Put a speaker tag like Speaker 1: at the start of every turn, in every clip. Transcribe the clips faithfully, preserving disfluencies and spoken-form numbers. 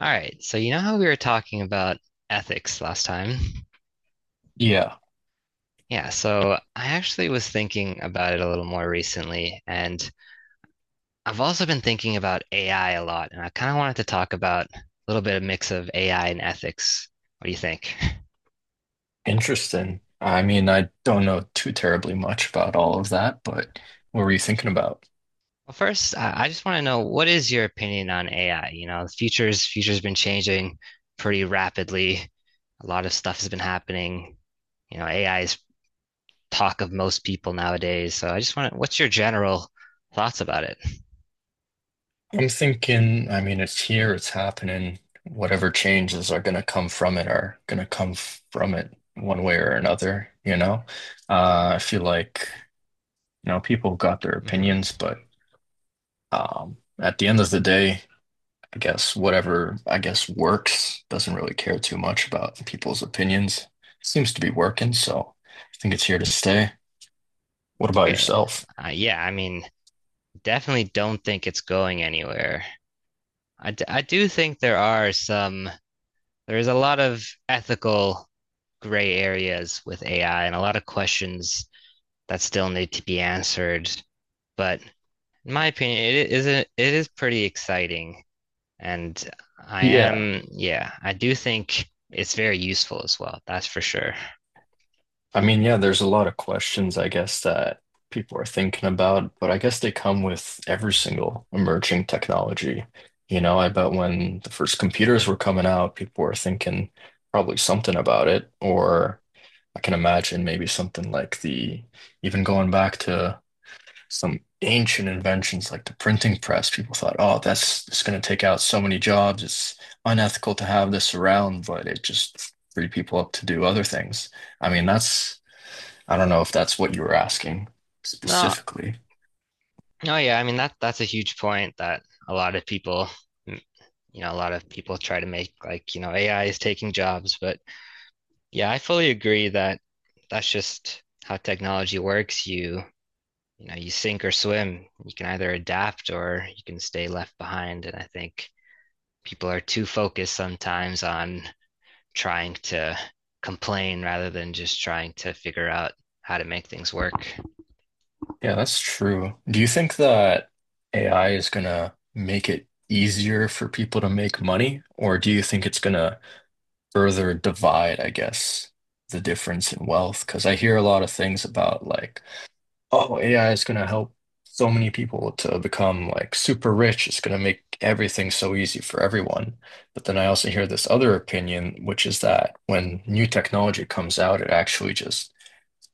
Speaker 1: All right, so you know how we were talking about ethics last time?
Speaker 2: Yeah,
Speaker 1: Yeah, so I actually was thinking about it a little more recently, and I've also been thinking about A I a lot, and I kind of wanted to talk about a little bit of mix of A I and ethics. What do you think?
Speaker 2: interesting. I mean, I don't know too terribly much about all of that, but what were you thinking about?
Speaker 1: Well, first, I I just want to know what is your opinion on A I? You know, the future's future's been changing pretty rapidly. A lot of stuff has been happening. You know, A I is talk of most people nowadays. So I just want to, what's your general thoughts about it?
Speaker 2: I'm thinking, I mean, it's here, it's happening. Whatever changes are going to come from it are going to come from it one way or another, you know? Uh, I feel like, you know, people got their opinions,
Speaker 1: Hmm.
Speaker 2: but um, at the end of the day, I guess whatever, I guess works doesn't really care too much about people's opinions. Seems to be working, so I think it's here to stay. What about
Speaker 1: Okay.
Speaker 2: yourself?
Speaker 1: Uh, yeah, I mean, definitely don't think it's going anywhere. I, d I do think there are some, there's a lot of ethical gray areas with A I and a lot of questions that still need to be answered. But in my opinion, it is a, it is pretty exciting. And I
Speaker 2: Yeah.
Speaker 1: am, yeah, I do think it's very useful as well. That's for sure.
Speaker 2: I mean, yeah, there's a lot of questions, I guess, that people are thinking about, but I guess they come with every single emerging technology. You know, I bet when the first computers were coming out, people were thinking probably something about it, or I can imagine maybe something like the, even going back to some ancient inventions like the printing press. People thought, oh, that's it's going to take out so many jobs. It's unethical to have this around, but it just freed people up to do other things. I mean, that's, I don't know if that's what you were asking
Speaker 1: No,
Speaker 2: specifically.
Speaker 1: no, yeah, I mean that that's a huge point that a lot of people, mm, you know, a lot of people try to make like, you know, A I is taking jobs, but yeah, I fully agree that that's just how technology works. You, you know, you sink or swim. You can either adapt or you can stay left behind. And I think people are too focused sometimes on trying to complain rather than just trying to figure out how to make things work.
Speaker 2: Yeah, that's true. Do you think that A I is going to make it easier for people to make money, or do you think it's going to further divide, I guess, the difference in wealth? Because I hear a lot of things about like, oh, A I is going to help so many people to become like super rich. It's going to make everything so easy for everyone. But then I also hear this other opinion, which is that when new technology comes out, it actually just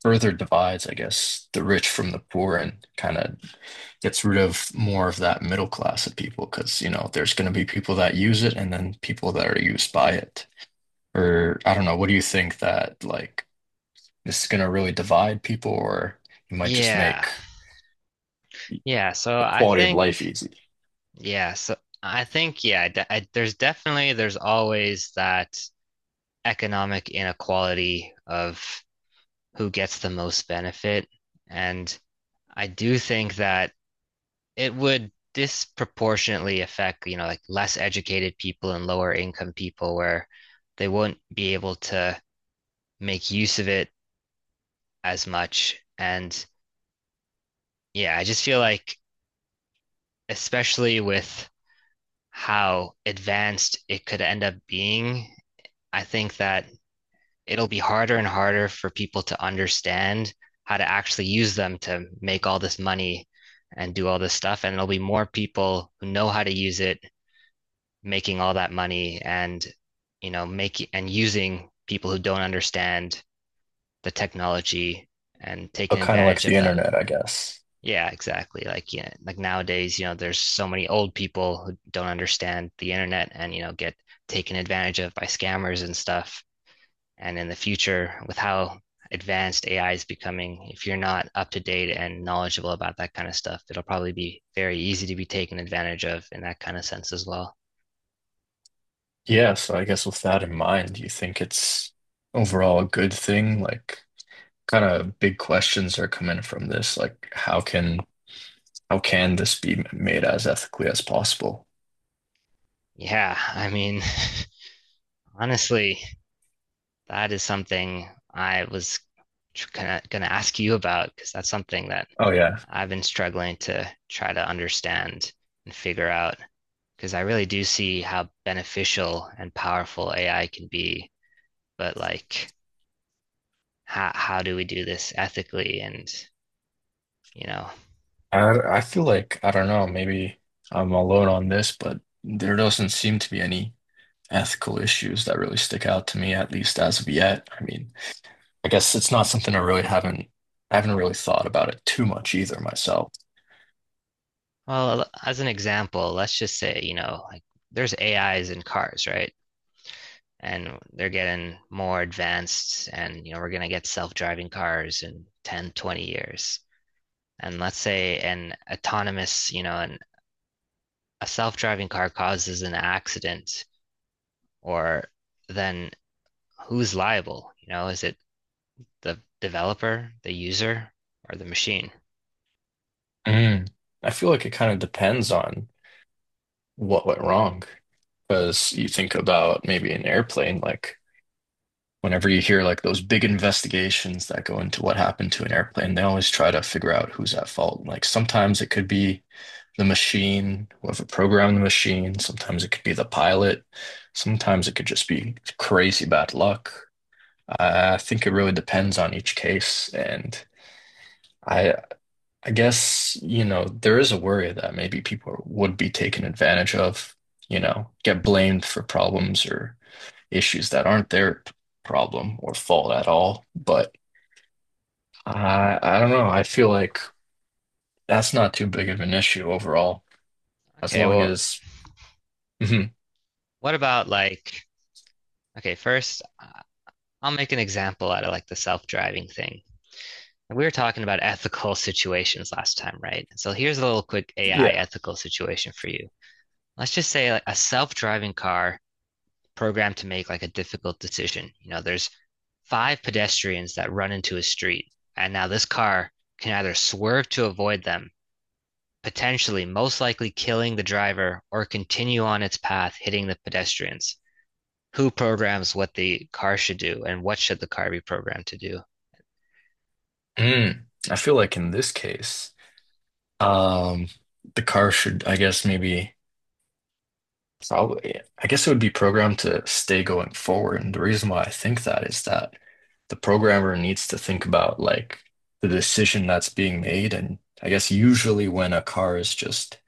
Speaker 2: further divides, I guess, the rich from the poor and kind of gets rid of more of that middle class of people because, you know, there's going to be people that use it and then people that are used by it. Or I don't know, what do you think that like this is going to really divide people or it might just
Speaker 1: Yeah.
Speaker 2: make
Speaker 1: Yeah, so
Speaker 2: the
Speaker 1: I
Speaker 2: quality of
Speaker 1: think
Speaker 2: life easy.
Speaker 1: Yeah, so I think yeah, de I, there's definitely there's always that economic inequality of who gets the most benefit, and I do think that it would disproportionately affect, you know, like less educated people and lower income people where they won't be able to make use of it as much. And yeah, I just feel like especially with how advanced it could end up being, I think that it'll be harder and harder for people to understand how to actually use them to make all this money and do all this stuff. And there'll be more people who know how to use it, making all that money and, you know, making and using people who don't understand the technology and taking
Speaker 2: But kind of
Speaker 1: advantage
Speaker 2: like the
Speaker 1: of them.
Speaker 2: internet, I guess.
Speaker 1: Yeah, exactly. Like, yeah, like nowadays, you know, there's so many old people who don't understand the internet and, you know, get taken advantage of by scammers and stuff. And in the future, with how advanced A I is becoming, if you're not up to date and knowledgeable about that kind of stuff, it'll probably be very easy to be taken advantage of in that kind of sense as well.
Speaker 2: Yeah, so I guess with that in mind, do you think it's overall a good thing? Like, kind of big questions are coming from this. Like, how can how can this be made as ethically as possible?
Speaker 1: Yeah, I mean, honestly, that is something I was gonna, gonna ask you about because that's something that
Speaker 2: Oh yeah,
Speaker 1: I've been struggling to try to understand and figure out because I really do see how beneficial and powerful A I can be, but like how how do we do this ethically, and you know,
Speaker 2: I I feel like I don't know. Maybe I'm alone on this, but there doesn't seem to be any ethical issues that really stick out to me, at least as of yet. I mean, I guess it's not something I really haven't I haven't really thought about it too much either myself.
Speaker 1: well, as an example, let's just say, you know, like there's ais in cars, right? And they're getting more advanced, and you know, we're going to get self-driving cars in ten twenty years. And let's say an autonomous, you know, an, a self-driving car causes an accident, or then who's liable? You know, is it the developer, the user, or the machine?
Speaker 2: Mm. I feel like it kind of depends on what went wrong. Because you think about maybe an airplane, like whenever you hear like those big investigations that go into what happened to an airplane, they always try to figure out who's at fault. Like sometimes it could be the machine, whoever programmed the machine, sometimes it could be the pilot, sometimes it could just be crazy bad luck. I I think it really depends on each case, and I I guess, you know, there is a worry that maybe people would be taken advantage of, you know, get blamed for problems or issues that aren't their problem or fault at all. But
Speaker 1: Mhm.
Speaker 2: I, I don't know. I feel like that's not too big of an issue overall, as
Speaker 1: okay
Speaker 2: long
Speaker 1: well
Speaker 2: as, Mhm.
Speaker 1: what about like Okay, first, uh, I'll make an example out of like the self-driving thing. We were talking about ethical situations last time, right? So here's a little quick A I
Speaker 2: Yeah.
Speaker 1: ethical situation for you. Let's just say like a self-driving car programmed to make like a difficult decision. You know, there's five pedestrians that run into a street, and now this car can either swerve to avoid them, potentially most likely killing the driver, or continue on its path, hitting the pedestrians. Who programs what the car should do, and what should the car be programmed to do?
Speaker 2: Mm. I feel like in this case, um, the car should, I guess, maybe. Probably. I guess it would be programmed to stay going forward. And the reason why I think that is that the programmer needs to think about like the decision that's being made. And I guess usually when a car is just,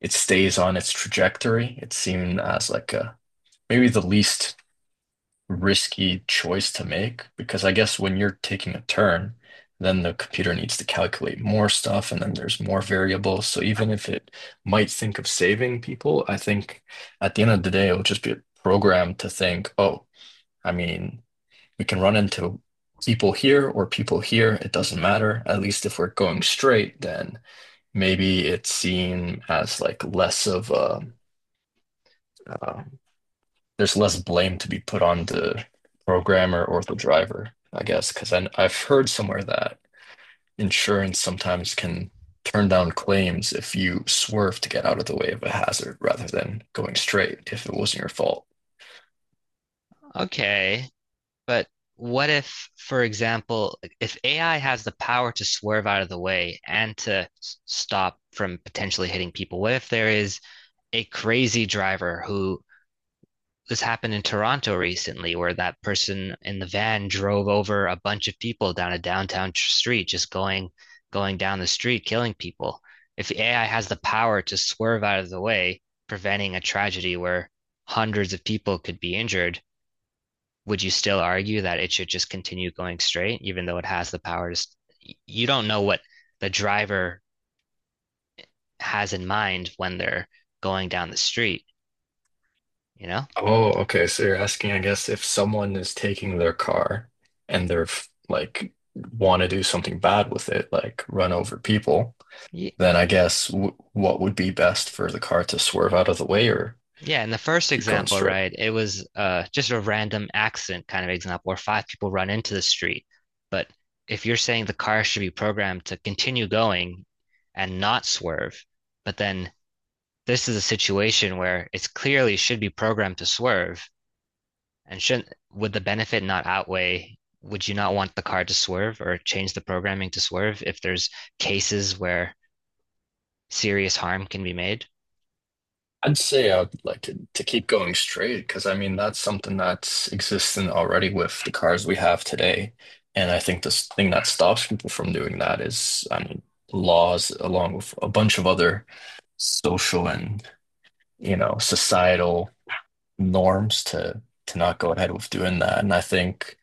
Speaker 2: it stays on its trajectory, it's seen as like a maybe the least risky choice to make because I guess when you're taking a turn, then the computer needs to calculate more stuff and then there's more variables. So even if it might think of saving people, I think at the end of the day, it'll just be programmed to think, oh, I mean, we can run into people here or people here. It doesn't matter. At least if we're going straight, then maybe it's seen as like less of a, uh, there's less blame to be put on the programmer or the driver, I guess, because I, I've heard somewhere that insurance sometimes can turn down claims if you swerve to get out of the way of a hazard rather than going straight if it wasn't your fault.
Speaker 1: Okay, but what if, for example, if A I has the power to swerve out of the way and to s- stop from potentially hitting people, what if there is a crazy driver who this happened in Toronto recently where that person in the van drove over a bunch of people down a downtown street, just going going down the street, killing people. If A I has the power to swerve out of the way, preventing a tragedy where hundreds of people could be injured, would you still argue that it should just continue going straight, even though it has the power to? You don't know what the driver has in mind when they're going down the street, you know?
Speaker 2: Oh, okay. So you're asking, I guess, if someone is taking their car and they're f- like want to do something bad with it, like run over people, then I guess w what would be best for the car to swerve out of the way or
Speaker 1: Yeah, in the first
Speaker 2: keep going
Speaker 1: example,
Speaker 2: straight?
Speaker 1: right, it was uh just a random accident kind of example where five people run into the street. But if you're saying the car should be programmed to continue going and not swerve, but then this is a situation where it's clearly should be programmed to swerve and shouldn't, would the benefit not outweigh, would you not want the car to swerve or change the programming to swerve if there's cases where serious harm can be made?
Speaker 2: I'd say I would like to, to keep going straight because I mean that's something that's existent already with the cars we have today. And I think this thing that stops people from doing that is, I mean, laws along with a bunch of other social and, you know, societal norms to to not go ahead with doing that. And I think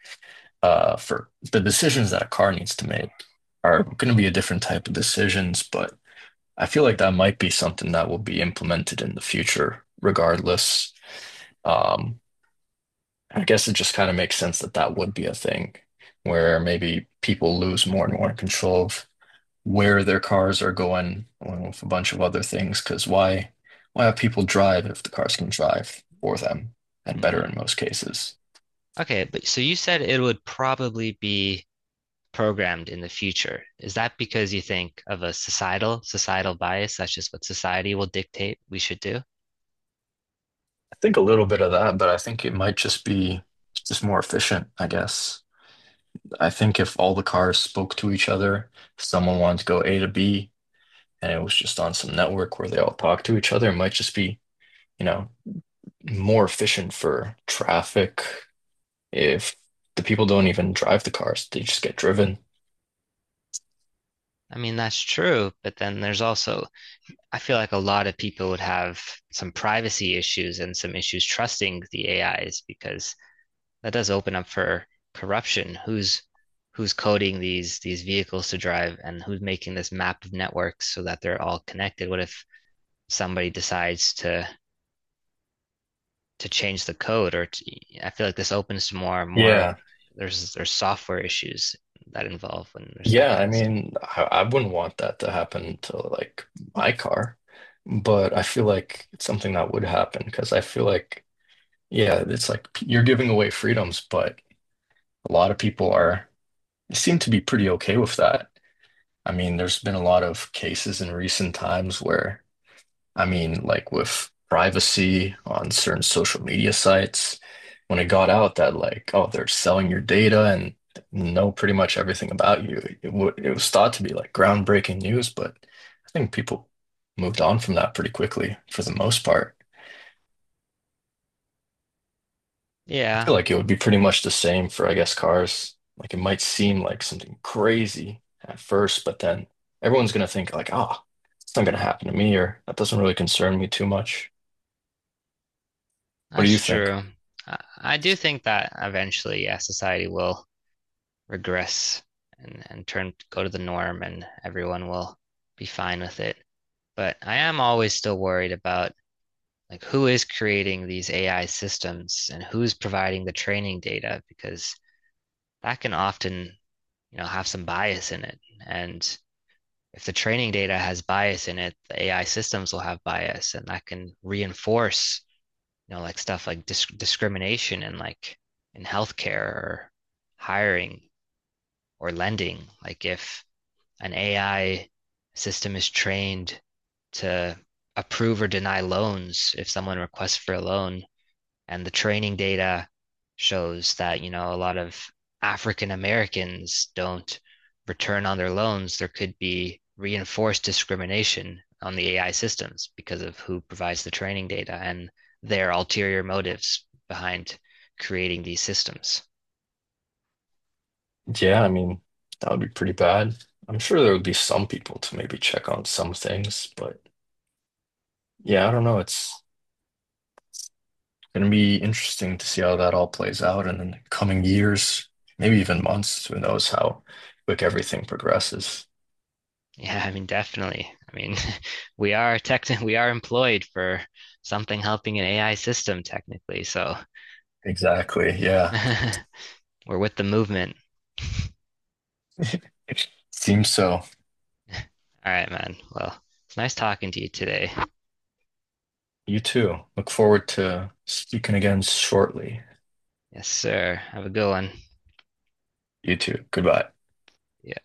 Speaker 2: uh for the decisions that a car needs to make are going to be a different type of decisions, but I feel like that might be something that will be implemented in the future, regardless. Um, I guess it just kind of makes sense that that would be a thing where maybe people lose more and more control of where their cars are going, along with a bunch of other things. Because why, why have people drive if the cars can drive for them and better
Speaker 1: Hmm.
Speaker 2: in most cases?
Speaker 1: Okay, but so you said it would probably be programmed in the future. Is that because you think of a societal societal bias? That's just what society will dictate we should do.
Speaker 2: I think a little bit of that, but I think it might just be just more efficient, I guess. I think if all the cars spoke to each other, if someone wanted to go A to B and it was just on some network where they all talk to each other. It might just be, you know, more efficient for traffic if the people don't even drive the cars, they just get driven.
Speaker 1: I mean, that's true, but then there's also, I feel like a lot of people would have some privacy issues and some issues trusting the A Is because that does open up for corruption. Who's who's coding these these vehicles to drive, and who's making this map of networks so that they're all connected? What if somebody decides to to change the code, or to, I feel like this opens to more and more of
Speaker 2: Yeah.
Speaker 1: there's there's software issues that involve when there's that
Speaker 2: Yeah,
Speaker 1: kind
Speaker 2: I
Speaker 1: of stuff.
Speaker 2: mean, I, I wouldn't want that to happen to like my car, but I feel like it's something that would happen because I feel like, yeah, it's like you're giving away freedoms, but a lot of people are seem to be pretty okay with that. I mean, there's been a lot of cases in recent times where I mean, like with privacy on certain social media sites, when it got out that like, oh, they're selling your data and know pretty much everything about you, it, w it was thought to be like groundbreaking news, but I think people moved on from that pretty quickly for the most part. I
Speaker 1: Yeah,
Speaker 2: feel like it would be pretty much the same for, I guess, cars. Like it might seem like something crazy at first, but then everyone's gonna think like, ah, it's not gonna happen to me, or that doesn't really concern me too much. What do
Speaker 1: that's
Speaker 2: you think?
Speaker 1: true. I, I do think that eventually, yeah, society will regress and, and turn go to the norm, and everyone will be fine with it. But I am always still worried about like who is creating these A I systems and who's providing the training data because that can often, you know, have some bias in it. And if the training data has bias in it, the A I systems will have bias, and that can reinforce, you know, like stuff like disc discrimination and like in healthcare or hiring or lending. Like if an A I system is trained to approve or deny loans, if someone requests for a loan, and the training data shows that, you know, a lot of African Americans don't return on their loans. There could be reinforced discrimination on the A I systems because of who provides the training data and their ulterior motives behind creating these systems.
Speaker 2: Yeah, I mean, that would be pretty bad. I'm sure there would be some people to maybe check on some things, but yeah, I don't know. It's going to be interesting to see how that all plays out in the coming years, maybe even months. Who knows how quick everything progresses.
Speaker 1: Yeah, I mean, definitely. I mean, we are tech, we are employed for something helping an A I system technically. So
Speaker 2: Exactly. Yeah.
Speaker 1: we're with the movement.
Speaker 2: Seems so.
Speaker 1: All right, man. Well, it's nice talking to you today.
Speaker 2: You too. Look forward to speaking again shortly.
Speaker 1: Yes, sir. Have a good one.
Speaker 2: You too. Goodbye.
Speaker 1: Yeah.